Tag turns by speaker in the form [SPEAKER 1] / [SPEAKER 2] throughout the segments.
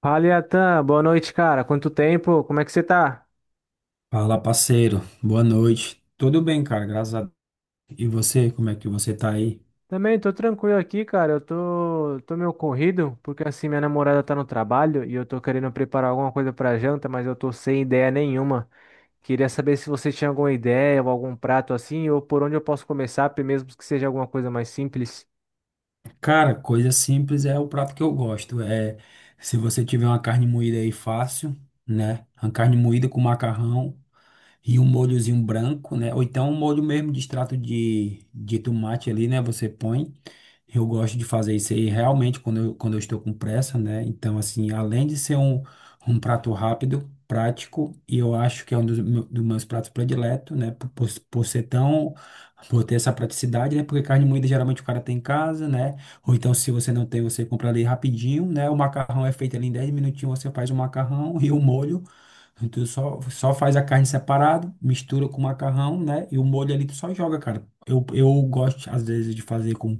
[SPEAKER 1] Fala, Iatan. Boa noite, cara. Quanto tempo? Como é que você tá?
[SPEAKER 2] Fala, parceiro. Boa noite. Tudo bem, cara? Graças a Deus. E você, como é que você tá aí?
[SPEAKER 1] Também tô tranquilo aqui, cara. Eu tô meio corrido, porque assim, minha namorada tá no trabalho e eu tô querendo preparar alguma coisa pra janta, mas eu tô sem ideia nenhuma. Queria saber se você tinha alguma ideia ou algum prato assim, ou por onde eu posso começar, mesmo que seja alguma coisa mais simples.
[SPEAKER 2] Cara, coisa simples é o prato que eu gosto. É, se você tiver uma carne moída aí fácil, né? Uma carne moída com macarrão e um molhozinho branco, né? Ou então um molho mesmo de extrato de tomate ali, né? Você põe. Eu gosto de fazer isso aí realmente quando eu estou com pressa, né? Então, assim, além de ser um prato rápido, prático, e eu acho que é um dos meus pratos prediletos, né? Por ser tão. Por ter essa praticidade, né? Porque carne moída geralmente o cara tem em casa, né? Ou então, se você não tem, você compra ali rapidinho, né? O macarrão é feito ali em 10 minutinhos, você faz o macarrão e o molho. Tu só faz a carne separado, mistura com o macarrão, né? E o molho ali tu só joga, cara. Eu gosto, às vezes, de fazer com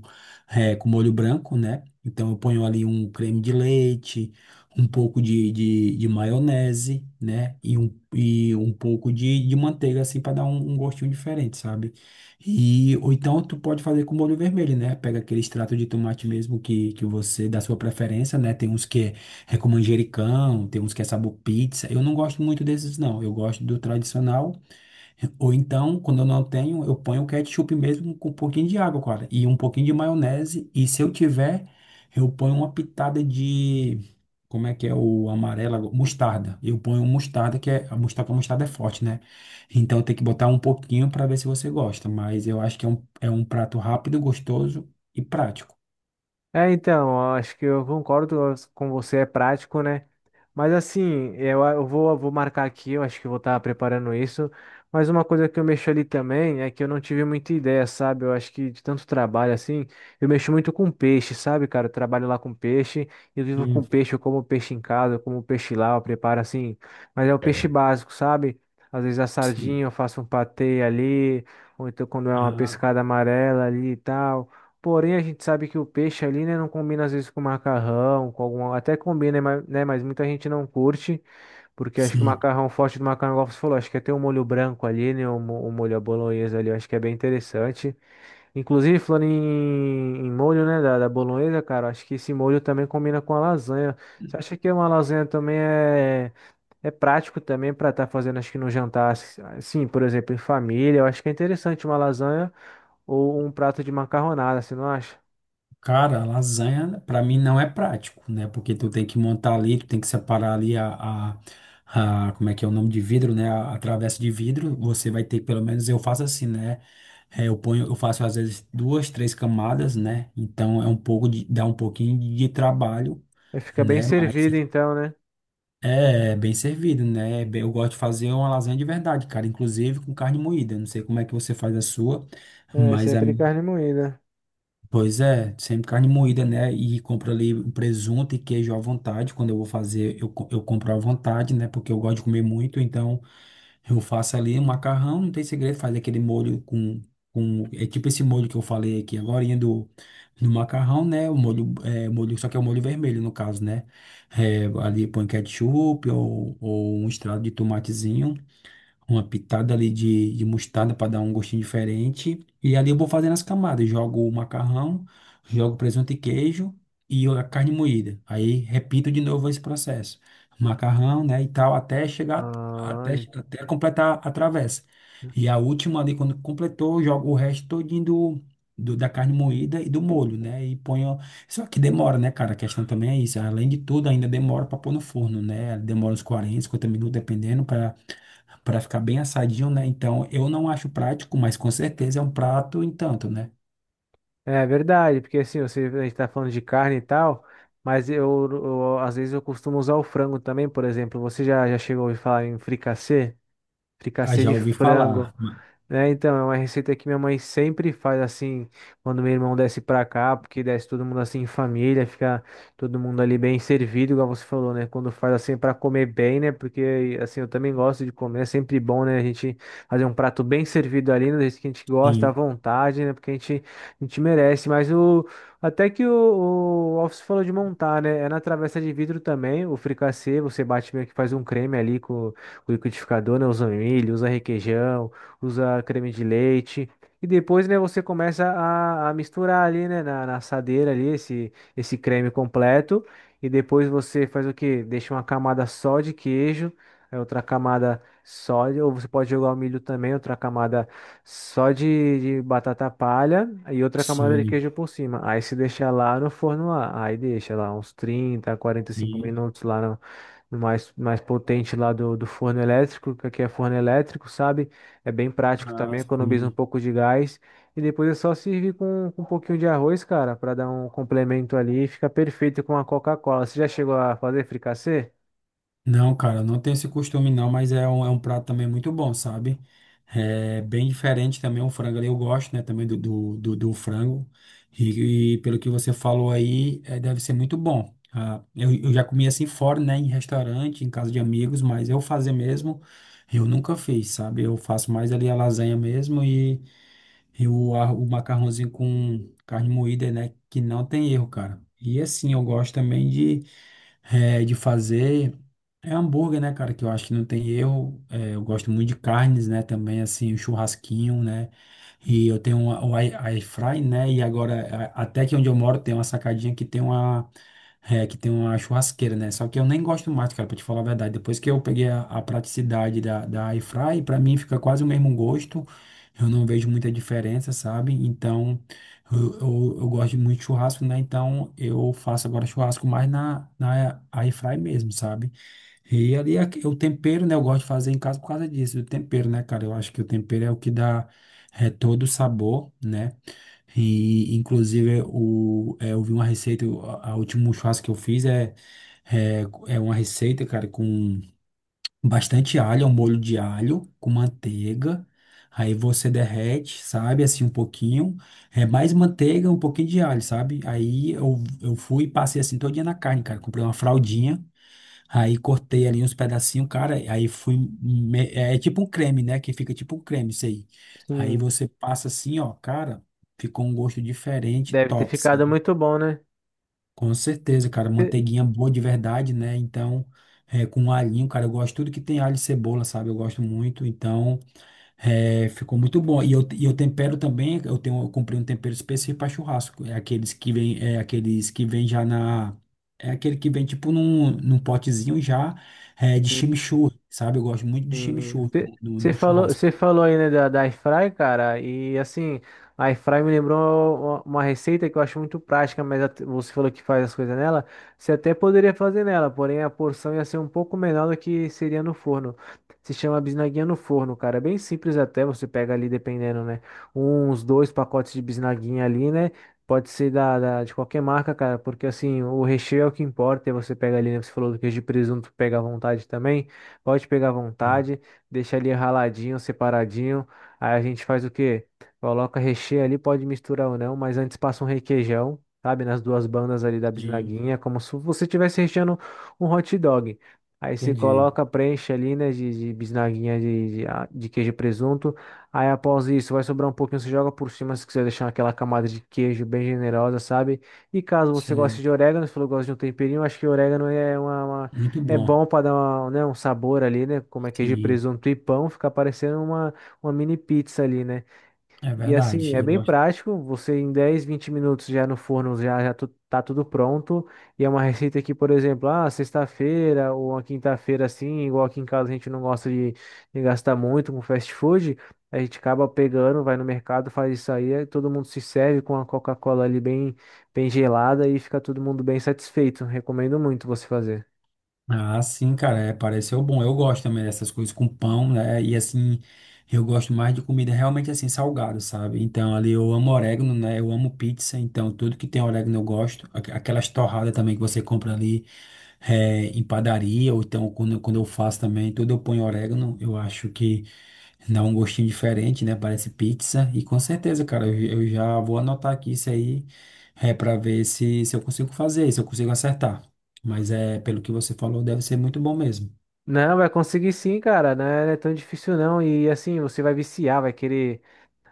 [SPEAKER 2] é, com molho branco, né? Então eu ponho ali um creme de leite, um pouco de maionese, né? E um pouco de manteiga, assim, para dar um gostinho diferente, sabe? Ou então tu pode fazer com molho vermelho, né? Pega aquele extrato de tomate mesmo que você, da sua preferência, né? Tem uns que é com manjericão, tem uns que é sabor pizza. Eu não gosto muito desses, não. Eu gosto do tradicional ou então, quando eu não tenho, eu ponho o ketchup mesmo com um pouquinho de água, cara, e um pouquinho de maionese. E se eu tiver, eu ponho uma pitada de. Como é que é o amarelo agora? Mostarda. Eu ponho um mostarda, que é. A mostarda é forte, né? Então tem que botar um pouquinho para ver se você gosta. Mas eu acho que é um prato rápido, gostoso e prático.
[SPEAKER 1] É, então, eu acho que eu concordo com você, é prático, né? Mas assim, eu vou marcar aqui, eu acho que eu vou estar preparando isso. Mas uma coisa que eu mexo ali também é que eu não tive muita ideia, sabe? Eu acho que de tanto trabalho assim, eu mexo muito com peixe, sabe, cara? Eu trabalho lá com peixe, eu vivo com
[SPEAKER 2] Hum,
[SPEAKER 1] peixe, eu como peixe em casa, eu como peixe lá, eu preparo assim. Mas é o peixe básico, sabe? Às vezes a
[SPEAKER 2] sim.
[SPEAKER 1] sardinha, eu faço um patê ali, ou então quando é uma
[SPEAKER 2] Ah,
[SPEAKER 1] pescada amarela ali e tal. Porém, a gente sabe que o peixe ali, né, não combina às vezes com macarrão, com alguma, até combina, né, né, mas muita gente não curte, porque acho que o
[SPEAKER 2] sim.
[SPEAKER 1] macarrão, forte do macarrão, igual você falou, acho que até o molho branco ali, né, o molho à bolonhesa ali, eu acho que é bem interessante. Inclusive, falando em molho, né, da bolonhesa, cara, acho que esse molho também combina com a lasanha. Você acha que uma lasanha também é, é prático também para estar fazendo, acho que no jantar, assim, por exemplo, em família, eu acho que é interessante uma lasanha ou um prato de macarronada, você não acha?
[SPEAKER 2] Cara, lasanha pra mim não é prático, né? Porque tu tem que montar ali, tu tem que separar ali como é que é o nome de vidro, né? A travessa de vidro, você vai ter, pelo menos eu faço assim, né? Eu faço às vezes duas, três camadas, né? Então dá um pouquinho trabalho,
[SPEAKER 1] Aí fica bem
[SPEAKER 2] né? Mas
[SPEAKER 1] servido
[SPEAKER 2] é
[SPEAKER 1] então, né?
[SPEAKER 2] é bem servido, né? Eu gosto de fazer uma lasanha de verdade, cara, inclusive com carne moída. Não sei como é que você faz a sua,
[SPEAKER 1] É
[SPEAKER 2] mas a
[SPEAKER 1] sempre carne moída.
[SPEAKER 2] Pois é, sempre carne moída, né? E compro ali um presunto e queijo à vontade. Quando eu vou fazer, eu compro à vontade, né? Porque eu gosto de comer muito, então eu faço ali um macarrão, não tem segredo, faz aquele molho com, com. É tipo esse molho que eu falei aqui agorinha do macarrão, né? O molho, é, molho, só que é o molho vermelho, no caso, né? Ali põe ketchup ou um estrado de tomatezinho, uma pitada ali de mostarda para dar um gostinho diferente. E ali eu vou fazendo as camadas. Jogo o macarrão, jogo presunto e queijo e a carne moída. Aí repito de novo esse processo. Macarrão, né, e tal, até chegar,
[SPEAKER 1] Ah,
[SPEAKER 2] até,
[SPEAKER 1] en-
[SPEAKER 2] até completar a travessa. E a última ali, quando completou, eu jogo o resto todinho da carne moída e do molho, né? E ponho. Só que demora, né, cara? A questão também é isso. Além de tudo, ainda demora para pôr no forno, né? Demora uns 40 50 minutos, dependendo, para ficar bem assadinho, né? Então, eu não acho prático, mas com certeza é um prato, entanto, né?
[SPEAKER 1] É verdade, porque assim, você, a gente tá falando de carne e tal, mas às vezes eu costumo usar o frango também, por exemplo. Você já chegou a ouvir falar em fricassê?
[SPEAKER 2] Ah,
[SPEAKER 1] Fricassê
[SPEAKER 2] já
[SPEAKER 1] de
[SPEAKER 2] ouvi falar.
[SPEAKER 1] frango. É, então, é uma receita que minha mãe sempre faz assim, quando meu irmão desce pra cá, porque desce todo mundo assim em família, fica todo mundo ali bem servido, igual você falou, né? Quando faz assim pra comer bem, né? Porque assim, eu também gosto de comer, é sempre bom, né? A gente fazer um prato bem servido ali, né? Do jeito que a gente gosta, à
[SPEAKER 2] Sim,
[SPEAKER 1] vontade, né? Porque a gente merece. Mas o até que o Alves falou de montar, né? É na travessa de vidro também, o fricassê, você bate meio que faz um creme ali com o liquidificador, né? Usa um milho, usa requeijão, usa creme de leite. E depois, né, você começa a misturar ali, né, na assadeira ali, esse creme completo. E depois você faz o quê? Deixa uma camada só de queijo, aí outra camada só de, ou você pode jogar o milho também, outra camada só de batata palha e outra camada de
[SPEAKER 2] sim,
[SPEAKER 1] queijo por cima. Aí se deixa lá no forno lá, aí deixa lá uns 30, 45
[SPEAKER 2] sim.
[SPEAKER 1] minutos lá no, no mais, mais potente lá do forno elétrico, que aqui é forno elétrico, sabe? É bem prático
[SPEAKER 2] Ah,
[SPEAKER 1] também, economiza um
[SPEAKER 2] sim.
[SPEAKER 1] pouco de gás. E depois é só servir com um pouquinho de arroz, cara, para dar um complemento ali. Fica perfeito com a Coca-Cola. Você já chegou a fazer fricassê?
[SPEAKER 2] Não, cara, não tenho esse costume não, mas é um prato também muito bom, sabe? É bem diferente também o frango ali, eu gosto, né, também do frango. E pelo que você falou aí, deve ser muito bom. Ah, eu já comi assim fora, né, em restaurante, em casa de amigos, mas eu fazer mesmo, eu nunca fiz, sabe? Eu faço mais ali a lasanha mesmo e o macarrãozinho com carne moída, né, que não tem erro, cara. E assim, eu gosto também de fazer hambúrguer, né, cara? Que eu acho que não tem erro. Eu gosto muito de carnes, né? Também, assim, o churrasquinho, né? E eu tenho o air fry, né? E agora, até que onde eu moro, tem uma sacadinha que tem uma churrasqueira, né? Só que eu nem gosto mais, cara, pra te falar a verdade. Depois que eu peguei a praticidade da air fry, pra mim fica quase o mesmo gosto. Eu não vejo muita diferença, sabe? Então. Eu gosto muito de churrasco, né? Então eu faço agora churrasco mais na air fry mesmo, sabe? E ali é o tempero, né? Eu gosto de fazer em casa por causa disso, do tempero, né, cara? Eu acho que o tempero é o que dá todo o sabor, né? E inclusive eu vi uma receita, a último churrasco que eu fiz é, é uma receita, cara, com bastante alho, é um molho de alho com manteiga. Aí você derrete, sabe, assim um pouquinho, é mais manteiga, um pouquinho de alho, sabe? Aí eu fui e passei assim todo dia na carne, cara. Comprei uma fraldinha, aí cortei ali uns pedacinhos, cara. Aí fui, me- é é tipo um creme, né? Que fica tipo um creme, isso aí. Aí
[SPEAKER 1] Sim.
[SPEAKER 2] você passa assim, ó, cara, ficou um gosto diferente,
[SPEAKER 1] Deve ter
[SPEAKER 2] top,
[SPEAKER 1] ficado muito bom, né?
[SPEAKER 2] com certeza, cara.
[SPEAKER 1] E-
[SPEAKER 2] Manteiguinha boa de verdade, né? Então, com alhinho, cara, eu gosto tudo que tem alho e cebola, sabe? Eu gosto muito. Então, ficou muito bom. E eu tempero também, eu comprei um tempero específico para churrasco. É aqueles que vem já na. É aquele que vem tipo num potezinho já de chimichurri, sabe? Eu gosto muito de
[SPEAKER 1] Sim.
[SPEAKER 2] chimichurri no, no- no churrasco.
[SPEAKER 1] Você falou aí, né, da airfry, cara, e assim, a airfry me lembrou uma receita que eu acho muito prática, mas você falou que faz as coisas nela, você até poderia fazer nela, porém a porção ia ser um pouco menor do que seria no forno. Se chama bisnaguinha no forno, cara, é bem simples até, você pega ali, dependendo, né, uns 2 pacotes de bisnaguinha ali, né, pode ser de qualquer marca, cara, porque assim, o recheio é o que importa, e você pega ali, né, você falou do queijo de presunto, pega à vontade também. Pode pegar à vontade, deixa ali raladinho, separadinho. Aí a gente faz o quê? Coloca recheio ali, pode misturar ou não, mas antes passa um requeijão, sabe? Nas duas bandas ali da
[SPEAKER 2] Sim,
[SPEAKER 1] bisnaguinha, como se você estivesse recheando um hot dog. Aí você
[SPEAKER 2] entendi.
[SPEAKER 1] coloca, preenche ali, né, de bisnaguinha de queijo e presunto. Aí após isso, vai sobrar um pouquinho, você joga por cima se quiser deixar aquela camada de queijo bem generosa, sabe? E caso você
[SPEAKER 2] Sim.
[SPEAKER 1] goste de orégano, você falou que gosta de um temperinho, acho que orégano é uma
[SPEAKER 2] Muito
[SPEAKER 1] é
[SPEAKER 2] bom.
[SPEAKER 1] bom para dar uma, né, um sabor ali, né? Como é queijo de
[SPEAKER 2] Sim,
[SPEAKER 1] presunto e pão, fica parecendo uma mini pizza ali, né?
[SPEAKER 2] é
[SPEAKER 1] E assim,
[SPEAKER 2] verdade.
[SPEAKER 1] é
[SPEAKER 2] Eu
[SPEAKER 1] bem
[SPEAKER 2] gosto.
[SPEAKER 1] prático, você em 10, 20 minutos já no forno já, tá tudo pronto. E é uma receita que, por exemplo, ah, sexta-feira ou uma quinta-feira assim, igual aqui em casa a gente não gosta de gastar muito com fast food, a gente acaba pegando, vai no mercado, faz isso aí, aí todo mundo se serve com a Coca-Cola ali bem, bem gelada e fica todo mundo bem satisfeito. Recomendo muito você fazer.
[SPEAKER 2] Ah, sim, cara, pareceu bom. Eu gosto também dessas coisas com pão, né? E assim, eu gosto mais de comida realmente assim, salgada, sabe? Então, ali eu amo orégano, né? Eu amo pizza, então tudo que tem orégano eu gosto. Aquelas torradas também que você compra ali em padaria, ou então quando eu faço também, tudo eu ponho orégano. Eu acho que dá um gostinho diferente, né? Parece pizza. E com certeza, cara, eu já vou anotar aqui isso aí, pra ver se eu consigo fazer, se eu consigo acertar. Mas pelo que você falou, deve ser muito bom mesmo.
[SPEAKER 1] Não, vai conseguir sim, cara. Não é tão difícil não. E assim, você vai viciar,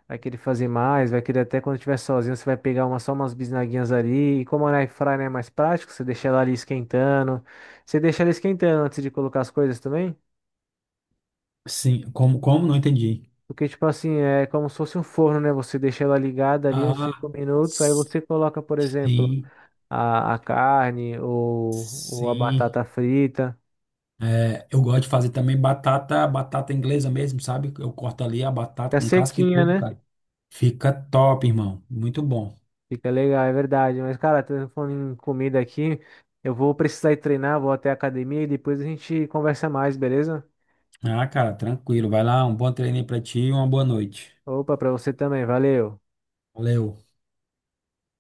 [SPEAKER 1] vai querer fazer mais, vai querer até quando estiver sozinho, você vai pegar uma, só umas bisnaguinhas ali. E como a air fryer é mais prático, você deixa ela ali esquentando. Você deixa ela esquentando antes de colocar as coisas também.
[SPEAKER 2] Sim, como? Não entendi.
[SPEAKER 1] Porque, tipo assim, é como se fosse um forno, né? Você deixa ela ligada ali uns
[SPEAKER 2] Ah,
[SPEAKER 1] 5 minutos, aí
[SPEAKER 2] s-
[SPEAKER 1] você coloca, por exemplo,
[SPEAKER 2] sim,
[SPEAKER 1] a carne ou a
[SPEAKER 2] sim.
[SPEAKER 1] batata frita.
[SPEAKER 2] Eu gosto de fazer também batata inglesa mesmo, sabe? Eu corto ali a batata
[SPEAKER 1] Fica
[SPEAKER 2] com casca e
[SPEAKER 1] sequinha,
[SPEAKER 2] tudo,
[SPEAKER 1] né?
[SPEAKER 2] cara. Fica top, irmão. Muito bom.
[SPEAKER 1] Fica legal, é verdade. Mas, cara, tô falando em comida aqui. Eu vou precisar ir treinar, vou até a academia e depois a gente conversa mais, beleza?
[SPEAKER 2] Ah, cara, tranquilo. Vai lá, um bom treino aí pra ti e uma boa noite.
[SPEAKER 1] Opa, pra você também, valeu.
[SPEAKER 2] Valeu.